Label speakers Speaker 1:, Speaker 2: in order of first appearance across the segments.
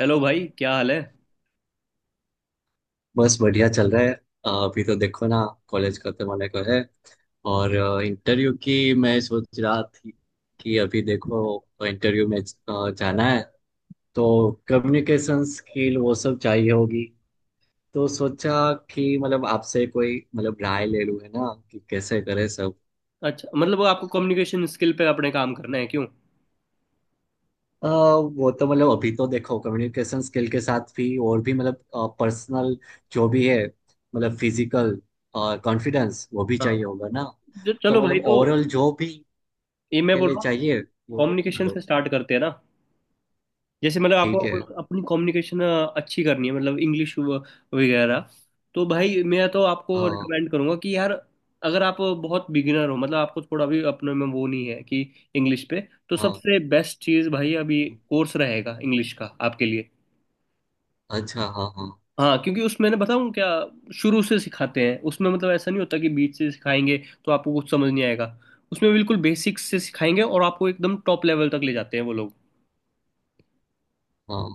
Speaker 1: Hello भाई। क्या हाल है।
Speaker 2: बस बढ़िया चल रहा है। अभी तो देखो ना। कॉलेज खत्म होने को है और इंटरव्यू की मैं सोच रहा थी कि अभी देखो इंटरव्यू में जाना है तो कम्युनिकेशन स्किल वो सब चाहिए होगी। तो सोचा कि मतलब आपसे कोई मतलब राय ले लूं है ना कि कैसे करें सब।
Speaker 1: अच्छा, मतलब वो आपको कम्युनिकेशन स्किल पे अपने काम करना है, क्यों।
Speaker 2: वो तो मतलब अभी तो देखो कम्युनिकेशन स्किल के साथ भी और भी मतलब पर्सनल जो भी है मतलब फिजिकल कॉन्फिडेंस वो भी
Speaker 1: हाँ।
Speaker 2: चाहिए होगा ना। तो
Speaker 1: चलो भाई,
Speaker 2: मतलब
Speaker 1: तो
Speaker 2: ओवरऑल जो भी
Speaker 1: ये मैं
Speaker 2: के
Speaker 1: बोल
Speaker 2: लिए
Speaker 1: रहा हूँ।
Speaker 2: चाहिए वो बता
Speaker 1: कम्युनिकेशन
Speaker 2: दो।
Speaker 1: से स्टार्ट करते हैं ना। जैसे मतलब
Speaker 2: ठीक
Speaker 1: आपको
Speaker 2: है।
Speaker 1: अपनी कम्युनिकेशन अच्छी करनी है, मतलब इंग्लिश वगैरह। तो भाई, मैं तो आपको
Speaker 2: हाँ
Speaker 1: रिकमेंड करूंगा कि यार, अगर आप बहुत बिगिनर हो, मतलब आपको थोड़ा भी अपने में वो नहीं है कि इंग्लिश पे, तो
Speaker 2: हाँ।
Speaker 1: सबसे बेस्ट चीज़ भाई अभी कोर्स रहेगा इंग्लिश का आपके लिए।
Speaker 2: अच्छा हाँ हाँ।
Speaker 1: हाँ, क्योंकि उसमें ना, बताऊँ क्या, शुरू से सिखाते हैं उसमें। मतलब ऐसा नहीं होता कि बीच से सिखाएंगे तो आपको कुछ समझ नहीं आएगा। उसमें बिल्कुल बेसिक्स से सिखाएंगे और आपको एकदम टॉप लेवल तक ले जाते हैं वो लोग।
Speaker 2: हाँ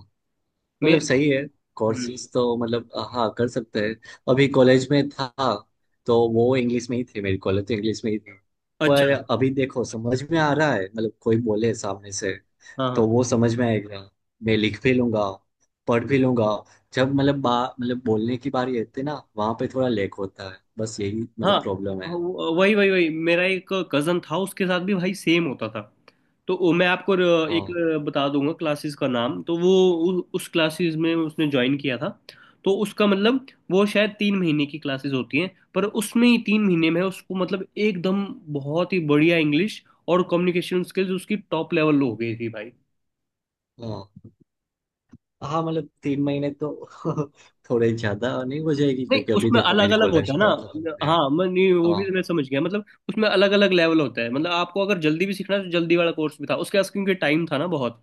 Speaker 1: मैं
Speaker 2: मतलब सही है।
Speaker 1: हम्म।
Speaker 2: कोर्सेज तो मतलब हाँ कर सकते हैं। अभी कॉलेज में था तो वो इंग्लिश में ही थे, मेरी कॉलेज तो इंग्लिश में ही थी। पर
Speaker 1: अच्छा।
Speaker 2: अभी देखो समझ में आ रहा है मतलब कोई बोले सामने से
Speaker 1: हाँ,
Speaker 2: तो
Speaker 1: हाँ।
Speaker 2: वो समझ में आएगा। मैं लिख भी लूंगा पढ़ भी लूंगा। जब मतलब बा मतलब बोलने की बारी आती है ना वहां पे थोड़ा लैक होता है, बस यही मतलब
Speaker 1: हाँ,
Speaker 2: प्रॉब्लम है।
Speaker 1: वही वही वही मेरा एक कजन था, उसके साथ भी भाई सेम होता था। तो मैं आपको एक
Speaker 2: हाँ
Speaker 1: बता दूंगा क्लासेस का नाम। तो वो उस क्लासेस में उसने ज्वाइन किया था। तो उसका मतलब, वो शायद 3 महीने की क्लासेस होती हैं, पर उसमें ही 3 महीने में उसको मतलब एकदम बहुत ही बढ़िया इंग्लिश और कम्युनिकेशन स्किल्स उसकी टॉप लेवल हो गई थी भाई।
Speaker 2: हाँ। हाँ मतलब 3 महीने तो थोड़े ज्यादा नहीं हो जाएगी,
Speaker 1: नहीं,
Speaker 2: क्योंकि अभी
Speaker 1: उसमें
Speaker 2: देखो
Speaker 1: अलग
Speaker 2: मेरी
Speaker 1: अलग होता
Speaker 2: कॉलेज
Speaker 1: है ना।
Speaker 2: तो खत्म है।
Speaker 1: हाँ, मैं नहीं, वो
Speaker 2: हाँ
Speaker 1: भी मैं समझ गया, मतलब उसमें अलग अलग लेवल होता है। मतलब आपको अगर जल्दी भी सीखना है तो जल्दी वाला कोर्स भी था उसके पास, क्योंकि टाइम था ना बहुत।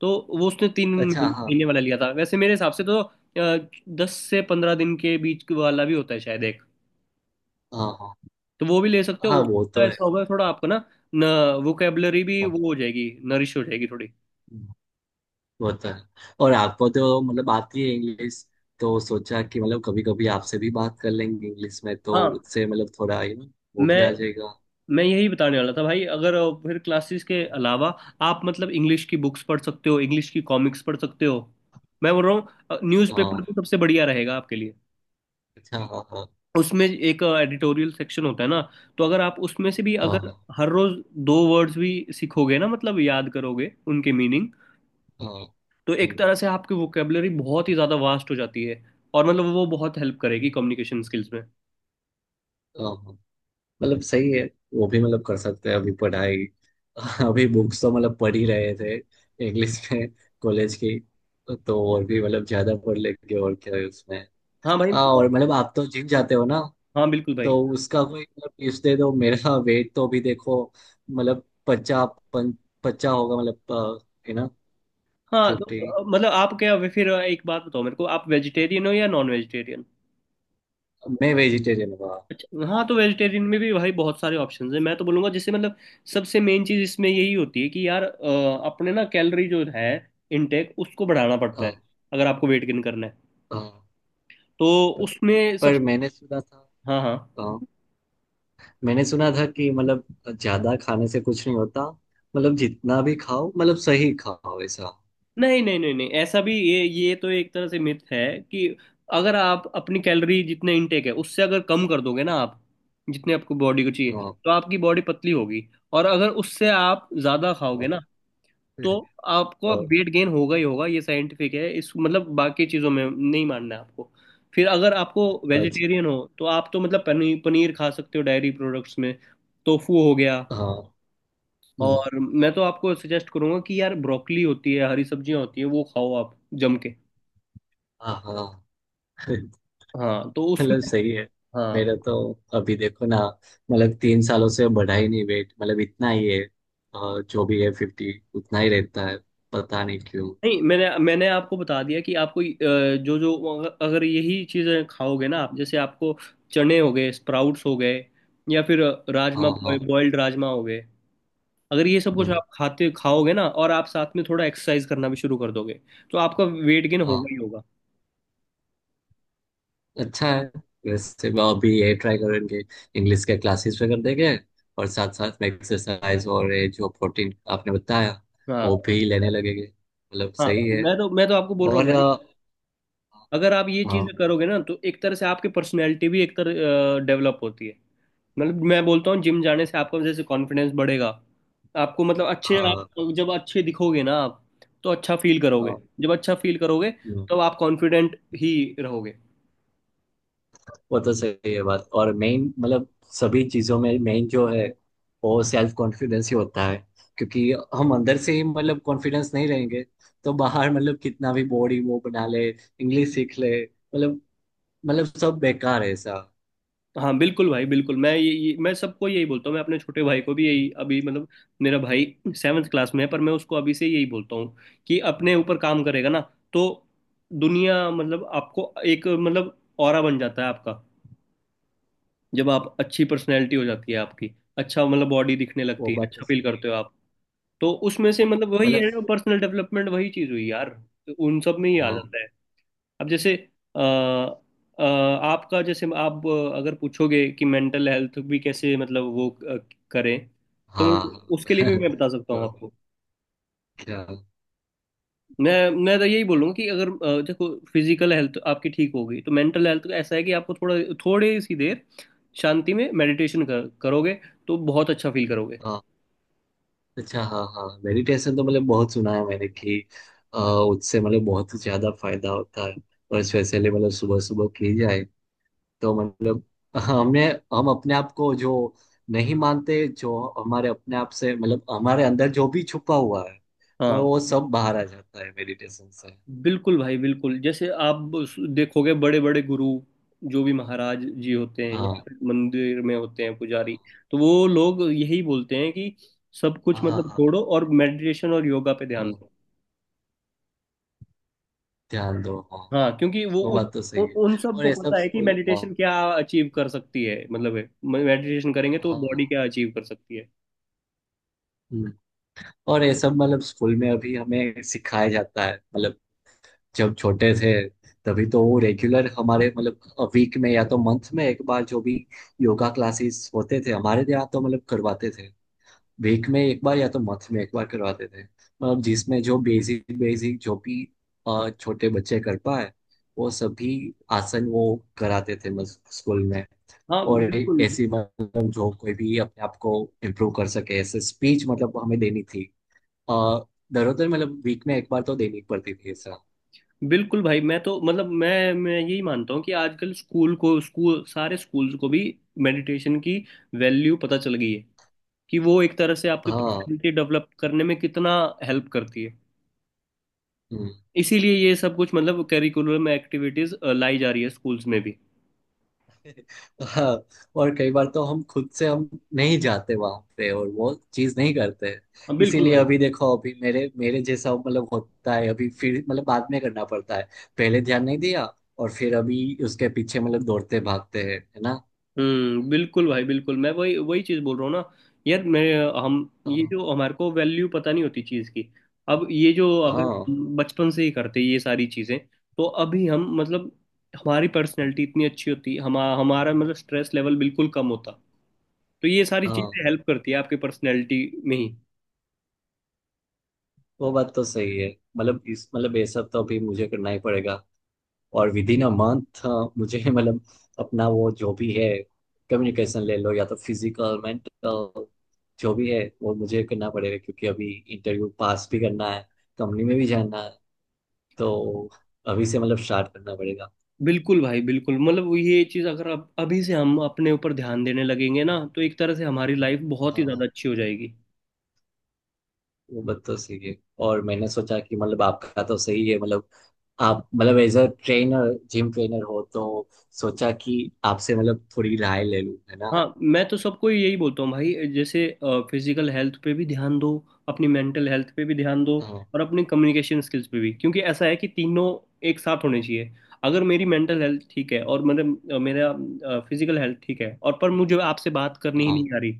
Speaker 1: तो वो उसने तीन
Speaker 2: अच्छा
Speaker 1: महीने
Speaker 2: हाँ
Speaker 1: महीने वाला लिया था। वैसे मेरे हिसाब से तो 10 से 15 दिन के बीच के वाला भी होता है शायद एक।
Speaker 2: हाँ। हाँ
Speaker 1: तो वो भी ले सकते हो,
Speaker 2: हाँ वो
Speaker 1: उसका
Speaker 2: तो है।
Speaker 1: ऐसा होगा थोड़ा आपको ना। न वोकेबलरी भी
Speaker 2: हाँ
Speaker 1: वो हो जाएगी, नरिश हो जाएगी थोड़ी।
Speaker 2: वो तो है। और आपको तो मतलब आती है इंग्लिश, तो सोचा कि मतलब कभी कभी आपसे भी बात कर लेंगे इंग्लिश में तो
Speaker 1: हाँ,
Speaker 2: उससे मतलब थोड़ा यू नो वो
Speaker 1: मैं
Speaker 2: भी आ जाएगा।
Speaker 1: मैं यही बताने वाला था भाई। अगर फिर क्लासेस के अलावा, आप मतलब इंग्लिश की बुक्स पढ़ सकते हो, इंग्लिश की कॉमिक्स पढ़ सकते हो। मैं बोल रहा हूँ न्यूज़पेपर
Speaker 2: हाँ।
Speaker 1: तो सबसे बढ़िया रहेगा आपके लिए।
Speaker 2: अच्छा हाँ हाँ।
Speaker 1: उसमें एक एडिटोरियल सेक्शन होता है ना, तो अगर आप उसमें से भी,
Speaker 2: हाँ
Speaker 1: अगर
Speaker 2: हाँ
Speaker 1: हर रोज दो वर्ड्स भी सीखोगे ना, मतलब याद करोगे उनके मीनिंग,
Speaker 2: हाँ,
Speaker 1: तो
Speaker 2: हम्म,
Speaker 1: एक तरह से आपकी वोकेबलरी बहुत ही ज़्यादा वास्ट हो जाती है। और मतलब वो बहुत हेल्प करेगी कम्युनिकेशन स्किल्स में।
Speaker 2: हाँ, हाँ। मतलब सही है। वो भी मतलब कर सकते हैं अभी पढ़ाई अभी बुक्स तो मतलब पढ़ ही रहे थे इंग्लिश में कॉलेज की। तो और भी मतलब ज्यादा पढ़ लेंगे, और क्या है उसमें।
Speaker 1: हाँ भाई।
Speaker 2: हाँ और मतलब आप तो जिम जाते हो ना,
Speaker 1: हाँ बिल्कुल भाई।
Speaker 2: तो उसका कोई मतलब टिप्स दे दो मेरा वेट तो अभी देखो मतलब 50, 50 होगा मतलब है ना।
Speaker 1: हाँ, तो
Speaker 2: 50।
Speaker 1: मतलब आप क्या फिर एक बात बताओ मेरे को, आप वेजिटेरियन हो या नॉन वेजिटेरियन।
Speaker 2: मैं वेजिटेरियन हुआ।
Speaker 1: अच्छा। हाँ, तो वेजिटेरियन में भी भाई बहुत सारे ऑप्शंस हैं। मैं तो बोलूँगा, जैसे मतलब सबसे मेन चीज़ इसमें यही होती है कि यार, अपने ना कैलोरी जो है इनटेक, उसको बढ़ाना पड़ता है।
Speaker 2: हाँ
Speaker 1: अगर आपको वेट गेन करना है,
Speaker 2: हाँ।
Speaker 1: तो
Speaker 2: पर
Speaker 1: उसमें सब।
Speaker 2: पर मैंने सुना था।
Speaker 1: हाँ, हाँ।
Speaker 2: हाँ, मैंने सुना था कि मतलब ज्यादा खाने से कुछ नहीं होता, मतलब जितना भी खाओ मतलब सही खाओ ऐसा।
Speaker 1: नहीं, नहीं, नहीं, नहीं, ऐसा भी ये तो एक तरह से मिथ है कि अगर आप अपनी कैलोरी जितने इनटेक है उससे अगर कम कर दोगे ना आप, जितने आपको बॉडी को चाहिए,
Speaker 2: हाँ
Speaker 1: तो आपकी बॉडी पतली होगी। और अगर उससे आप ज्यादा खाओगे
Speaker 2: हाँ।
Speaker 1: ना, तो आपको
Speaker 2: अ-
Speaker 1: वेट गेन होगा ही होगा। ये साइंटिफिक है। इस मतलब बाकी चीजों में नहीं मानना है आपको। फिर अगर आपको
Speaker 2: अच्छा
Speaker 1: वेजिटेरियन हो तो आप तो मतलब पनीर पनीर खा सकते हो, डायरी प्रोडक्ट्स में। टोफू हो गया।
Speaker 2: हाँ। हम्म,
Speaker 1: और मैं तो आपको सजेस्ट करूंगा कि यार, ब्रोकली होती है, हरी सब्जियां होती हैं, वो खाओ आप जम के।
Speaker 2: हाँ हाँ
Speaker 1: हाँ, तो उसमें।
Speaker 2: मतलब सही है।
Speaker 1: हाँ।
Speaker 2: मेरा तो अभी देखो ना मतलब 3 सालों से बढ़ा ही नहीं वेट, मतलब इतना ही है जो भी है, 50 उतना ही रहता है, पता नहीं क्यों।
Speaker 1: नहीं, मैंने मैंने आपको बता दिया कि आपको जो जो, अगर अगर यही चीज़ें खाओगे ना आप, जैसे आपको चने हो गए, स्प्राउट्स हो गए, या फिर राजमा,
Speaker 2: हाँ हाँ।
Speaker 1: बॉयल्ड राजमा हो गए, अगर ये सब कुछ
Speaker 2: हम्म,
Speaker 1: आप खाते खाओगे ना और आप साथ में थोड़ा एक्सरसाइज करना भी शुरू कर दोगे, तो आपका वेट गेन
Speaker 2: हाँ
Speaker 1: होगा ही होगा।
Speaker 2: अच्छा है। वैसे मैं अभी ये ट्राई करेंगे, इंग्लिश के क्लासेस वगैरह देंगे, और साथ साथ में एक्सरसाइज और ये जो प्रोटीन आपने बताया
Speaker 1: हाँ,
Speaker 2: वो भी लेने लगेंगे, मतलब
Speaker 1: हाँ।
Speaker 2: सही है।
Speaker 1: मैं तो आपको बोल रहा हूँ
Speaker 2: और
Speaker 1: भाई, अगर आप ये
Speaker 2: हाँ
Speaker 1: चीजें करोगे ना तो एक तरह से आपकी पर्सनैलिटी भी एक तरह डेवलप होती है। मतलब मैं बोलता हूँ जिम जाने से आपका जैसे कॉन्फिडेंस बढ़ेगा। आपको मतलब अच्छे,
Speaker 2: हाँ
Speaker 1: आप जब अच्छे दिखोगे ना आप, तो अच्छा फील करोगे।
Speaker 2: हाँ,
Speaker 1: जब अच्छा फील करोगे,
Speaker 2: हाँ,
Speaker 1: तब आप कॉन्फिडेंट ही रहोगे।
Speaker 2: वो तो सही है बात। और मेन मतलब सभी चीजों में मेन जो है वो सेल्फ कॉन्फिडेंस ही होता है। क्योंकि हम अंदर से ही मतलब कॉन्फिडेंस नहीं रहेंगे तो बाहर मतलब कितना भी बॉडी वो बना ले, इंग्लिश सीख ले, मतलब सब बेकार है ऐसा।
Speaker 1: हाँ बिल्कुल भाई, बिल्कुल। मैं ये, मैं सबको यही बोलता हूँ। मैं अपने छोटे भाई को भी यही, अभी मतलब, मेरा भाई सेवन्थ क्लास में है, पर मैं उसको अभी से यही बोलता हूँ कि अपने ऊपर काम करेगा ना, तो दुनिया मतलब आपको एक मतलब ऑरा बन जाता है आपका। जब आप, अच्छी पर्सनैलिटी हो जाती है आपकी, अच्छा मतलब बॉडी दिखने
Speaker 2: वो
Speaker 1: लगती है,
Speaker 2: बात तो
Speaker 1: अच्छा फील
Speaker 2: सही है।
Speaker 1: करते हो आप। तो उसमें से
Speaker 2: हाँ,
Speaker 1: मतलब वही
Speaker 2: मतलब
Speaker 1: है, पर्सनल डेवलपमेंट वही चीज़ हुई यार। तो उन सब में ही आ
Speaker 2: हाँ
Speaker 1: जाता है। अब जैसे, अ, अ, आपका जैसे आप, अगर पूछोगे कि मेंटल हेल्थ भी कैसे, मतलब वो करें, तो
Speaker 2: हाँ
Speaker 1: उसके लिए
Speaker 2: हाँ
Speaker 1: भी मैं बता सकता हूँ
Speaker 2: तो
Speaker 1: आपको।
Speaker 2: क्या।
Speaker 1: मैं तो यही बोलूँगा कि अगर देखो, फिजिकल हेल्थ आपकी ठीक होगी तो मेंटल हेल्थ ऐसा है कि आपको थोड़ा, थोड़ी सी देर शांति में मेडिटेशन करोगे तो बहुत अच्छा फील करोगे।
Speaker 2: हाँ, अच्छा हाँ हाँ मेडिटेशन तो मतलब बहुत सुना है मैंने कि उससे मतलब बहुत ज्यादा फायदा होता है। और स्पेशली मतलब सुबह सुबह की जाए तो मतलब हमें, हम अपने आप को जो नहीं मानते, जो हमारे अपने आप से मतलब हमारे अंदर जो भी छुपा हुआ है
Speaker 1: हाँ
Speaker 2: वो सब बाहर आ जाता है मेडिटेशन से।
Speaker 1: बिल्कुल भाई, बिल्कुल। जैसे आप देखोगे बड़े बड़े गुरु जो भी महाराज जी होते हैं,
Speaker 2: हाँ
Speaker 1: या फिर मंदिर में होते हैं पुजारी, तो वो लोग यही बोलते हैं कि सब
Speaker 2: हाँ
Speaker 1: कुछ
Speaker 2: हाँ।
Speaker 1: मतलब
Speaker 2: हाँ,
Speaker 1: छोड़ो और मेडिटेशन और योगा पे ध्यान
Speaker 2: हाँ,
Speaker 1: दो।
Speaker 2: ध्यान दो हाँ।
Speaker 1: हाँ, क्योंकि वो
Speaker 2: वो
Speaker 1: उन
Speaker 2: बात तो
Speaker 1: उन
Speaker 2: सही है।
Speaker 1: उन
Speaker 2: और
Speaker 1: सबको
Speaker 2: ये सब
Speaker 1: पता है कि
Speaker 2: स्कूल हाँ।
Speaker 1: मेडिटेशन क्या अचीव कर सकती है, मतलब मेडिटेशन करेंगे तो
Speaker 2: हाँ
Speaker 1: बॉडी क्या अचीव कर सकती है।
Speaker 2: हम्म। और ये सब मतलब स्कूल में अभी हमें सिखाया जाता है, मतलब जब छोटे थे तभी तो वो रेगुलर हमारे मतलब वीक में या तो मंथ में एक बार जो भी योगा क्लासेस होते थे हमारे यहाँ, तो मतलब करवाते थे। वीक में एक बार या तो मंथ में एक बार करवाते थे, मतलब जिसमें जो बेसिक बेसिक जो भी छोटे बच्चे कर पाए वो सभी आसन वो कराते थे मतलब स्कूल में।
Speaker 1: हाँ
Speaker 2: और
Speaker 1: बिल्कुल,
Speaker 2: ऐसी मतलब जो कोई भी अपने आप को इम्प्रूव कर सके ऐसे स्पीच मतलब हमें देनी थी। आ, दरअसल मतलब वीक में एक बार तो देनी पड़ती थी ऐसा।
Speaker 1: बिल्कुल भाई। मैं तो मतलब, मैं यही मानता हूँ कि आजकल स्कूल को, स्कूल, सारे स्कूल्स को भी मेडिटेशन की वैल्यू पता चल गई है, कि वो एक तरह से आपकी
Speaker 2: हाँ
Speaker 1: पर्सनैलिटी डेवलप करने में कितना हेल्प करती है।
Speaker 2: हम्म,
Speaker 1: इसीलिए ये सब कुछ मतलब करिकुलम एक्टिविटीज लाई जा रही है स्कूल्स में भी।
Speaker 2: हाँ। और कई बार तो हम खुद से हम नहीं जाते वहां पे और वो चीज नहीं करते।
Speaker 1: हाँ, बिल्कुल
Speaker 2: इसीलिए
Speaker 1: भाई।
Speaker 2: अभी देखो, अभी मेरे मेरे जैसा मतलब होता है, अभी फिर मतलब बाद में करना पड़ता है, पहले ध्यान नहीं दिया और फिर अभी उसके पीछे मतलब दौड़ते भागते हैं, है ना।
Speaker 1: हम्म। बिल्कुल भाई, बिल्कुल। मैं वही वही चीज़ बोल रहा हूँ ना यार। मैं हम, ये
Speaker 2: हाँ
Speaker 1: जो हमारे को वैल्यू पता नहीं होती चीज़ की, अब ये जो, अगर
Speaker 2: हाँ।
Speaker 1: बचपन से ही करते ये सारी चीज़ें, तो अभी हम मतलब हमारी पर्सनैलिटी इतनी अच्छी होती, हम हमारा मतलब स्ट्रेस लेवल बिल्कुल कम होता। तो ये सारी
Speaker 2: हाँ
Speaker 1: चीज़ें हेल्प करती है आपके पर्सनैलिटी में ही।
Speaker 2: वो बात तो सही है। मतलब इस मतलब ये सब तो अभी मुझे करना ही पड़ेगा, और विद इन अ मंथ मुझे मतलब अपना वो जो भी है, कम्युनिकेशन ले लो या तो फिजिकल मेंटल, जो भी है वो मुझे करना पड़ेगा, क्योंकि अभी इंटरव्यू पास भी करना है, कंपनी में भी जाना है, तो अभी से मतलब स्टार्ट करना पड़ेगा।
Speaker 1: बिल्कुल भाई, बिल्कुल। मतलब वो ये चीज़ अगर अब अभी से हम अपने ऊपर ध्यान देने लगेंगे ना, तो एक तरह से हमारी लाइफ बहुत ही
Speaker 2: हाँ।
Speaker 1: ज़्यादा अच्छी हो जाएगी।
Speaker 2: वो बात तो सही है। और मैंने सोचा कि मतलब आपका तो सही है मतलब, आप मतलब as a trainer, gym trainer हो, तो सोचा कि आपसे मतलब थोड़ी राय ले लूं है ना।
Speaker 1: हाँ, मैं तो सबको यही बोलता हूँ भाई। जैसे फिजिकल हेल्थ पे भी ध्यान दो, अपनी मेंटल हेल्थ पे भी ध्यान दो,
Speaker 2: हाँ
Speaker 1: और अपने कम्युनिकेशन स्किल्स पे भी, क्योंकि ऐसा है कि तीनों एक साथ होने चाहिए। अगर मेरी मेंटल हेल्थ ठीक है और मतलब मेरा फिजिकल हेल्थ ठीक है, और पर मुझे आपसे बात करनी ही
Speaker 2: हाँ
Speaker 1: नहीं आ रही,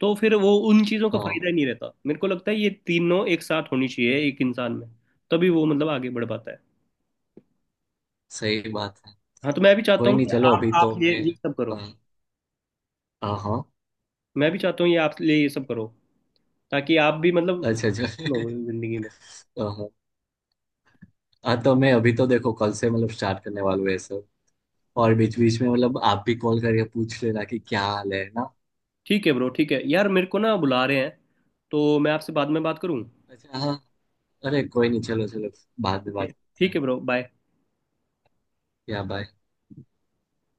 Speaker 1: तो फिर वो उन चीज़ों का
Speaker 2: हाँ।
Speaker 1: फायदा ही नहीं रहता। मेरे को लगता है ये तीनों एक साथ होनी चाहिए एक इंसान में, तभी वो मतलब आगे बढ़ पाता है।
Speaker 2: सही बात है।
Speaker 1: हाँ, तो मैं भी चाहता
Speaker 2: कोई
Speaker 1: हूँ
Speaker 2: नहीं,
Speaker 1: कि
Speaker 2: चलो
Speaker 1: आप
Speaker 2: अभी
Speaker 1: आप
Speaker 2: तो
Speaker 1: ये
Speaker 2: मैं,
Speaker 1: ये सब करो।
Speaker 2: हाँ हाँ हाँ,
Speaker 1: मैं भी चाहता हूँ ये आप लिए ये सब करो, ताकि आप भी मतलब
Speaker 2: अच्छा
Speaker 1: हो
Speaker 2: अच्छा
Speaker 1: जिंदगी में।
Speaker 2: हाँ हाँ। हाँ, तो मैं अभी तो देखो कल से मतलब स्टार्ट करने वाला हूँ ये सब। और बीच बीच में मतलब आप भी कॉल करके पूछ लेना कि क्या हाल है ना।
Speaker 1: ठीक है ब्रो, ठीक है यार, मेरे को ना बुला रहे हैं, तो मैं आपसे बाद में बात करूँ।
Speaker 2: अच्छा हाँ। अरे कोई नहीं चलो चलो, बाद में
Speaker 1: ठीक है।
Speaker 2: बात करते
Speaker 1: ठीक है
Speaker 2: हैं।
Speaker 1: Bro, bye.
Speaker 2: या बाय।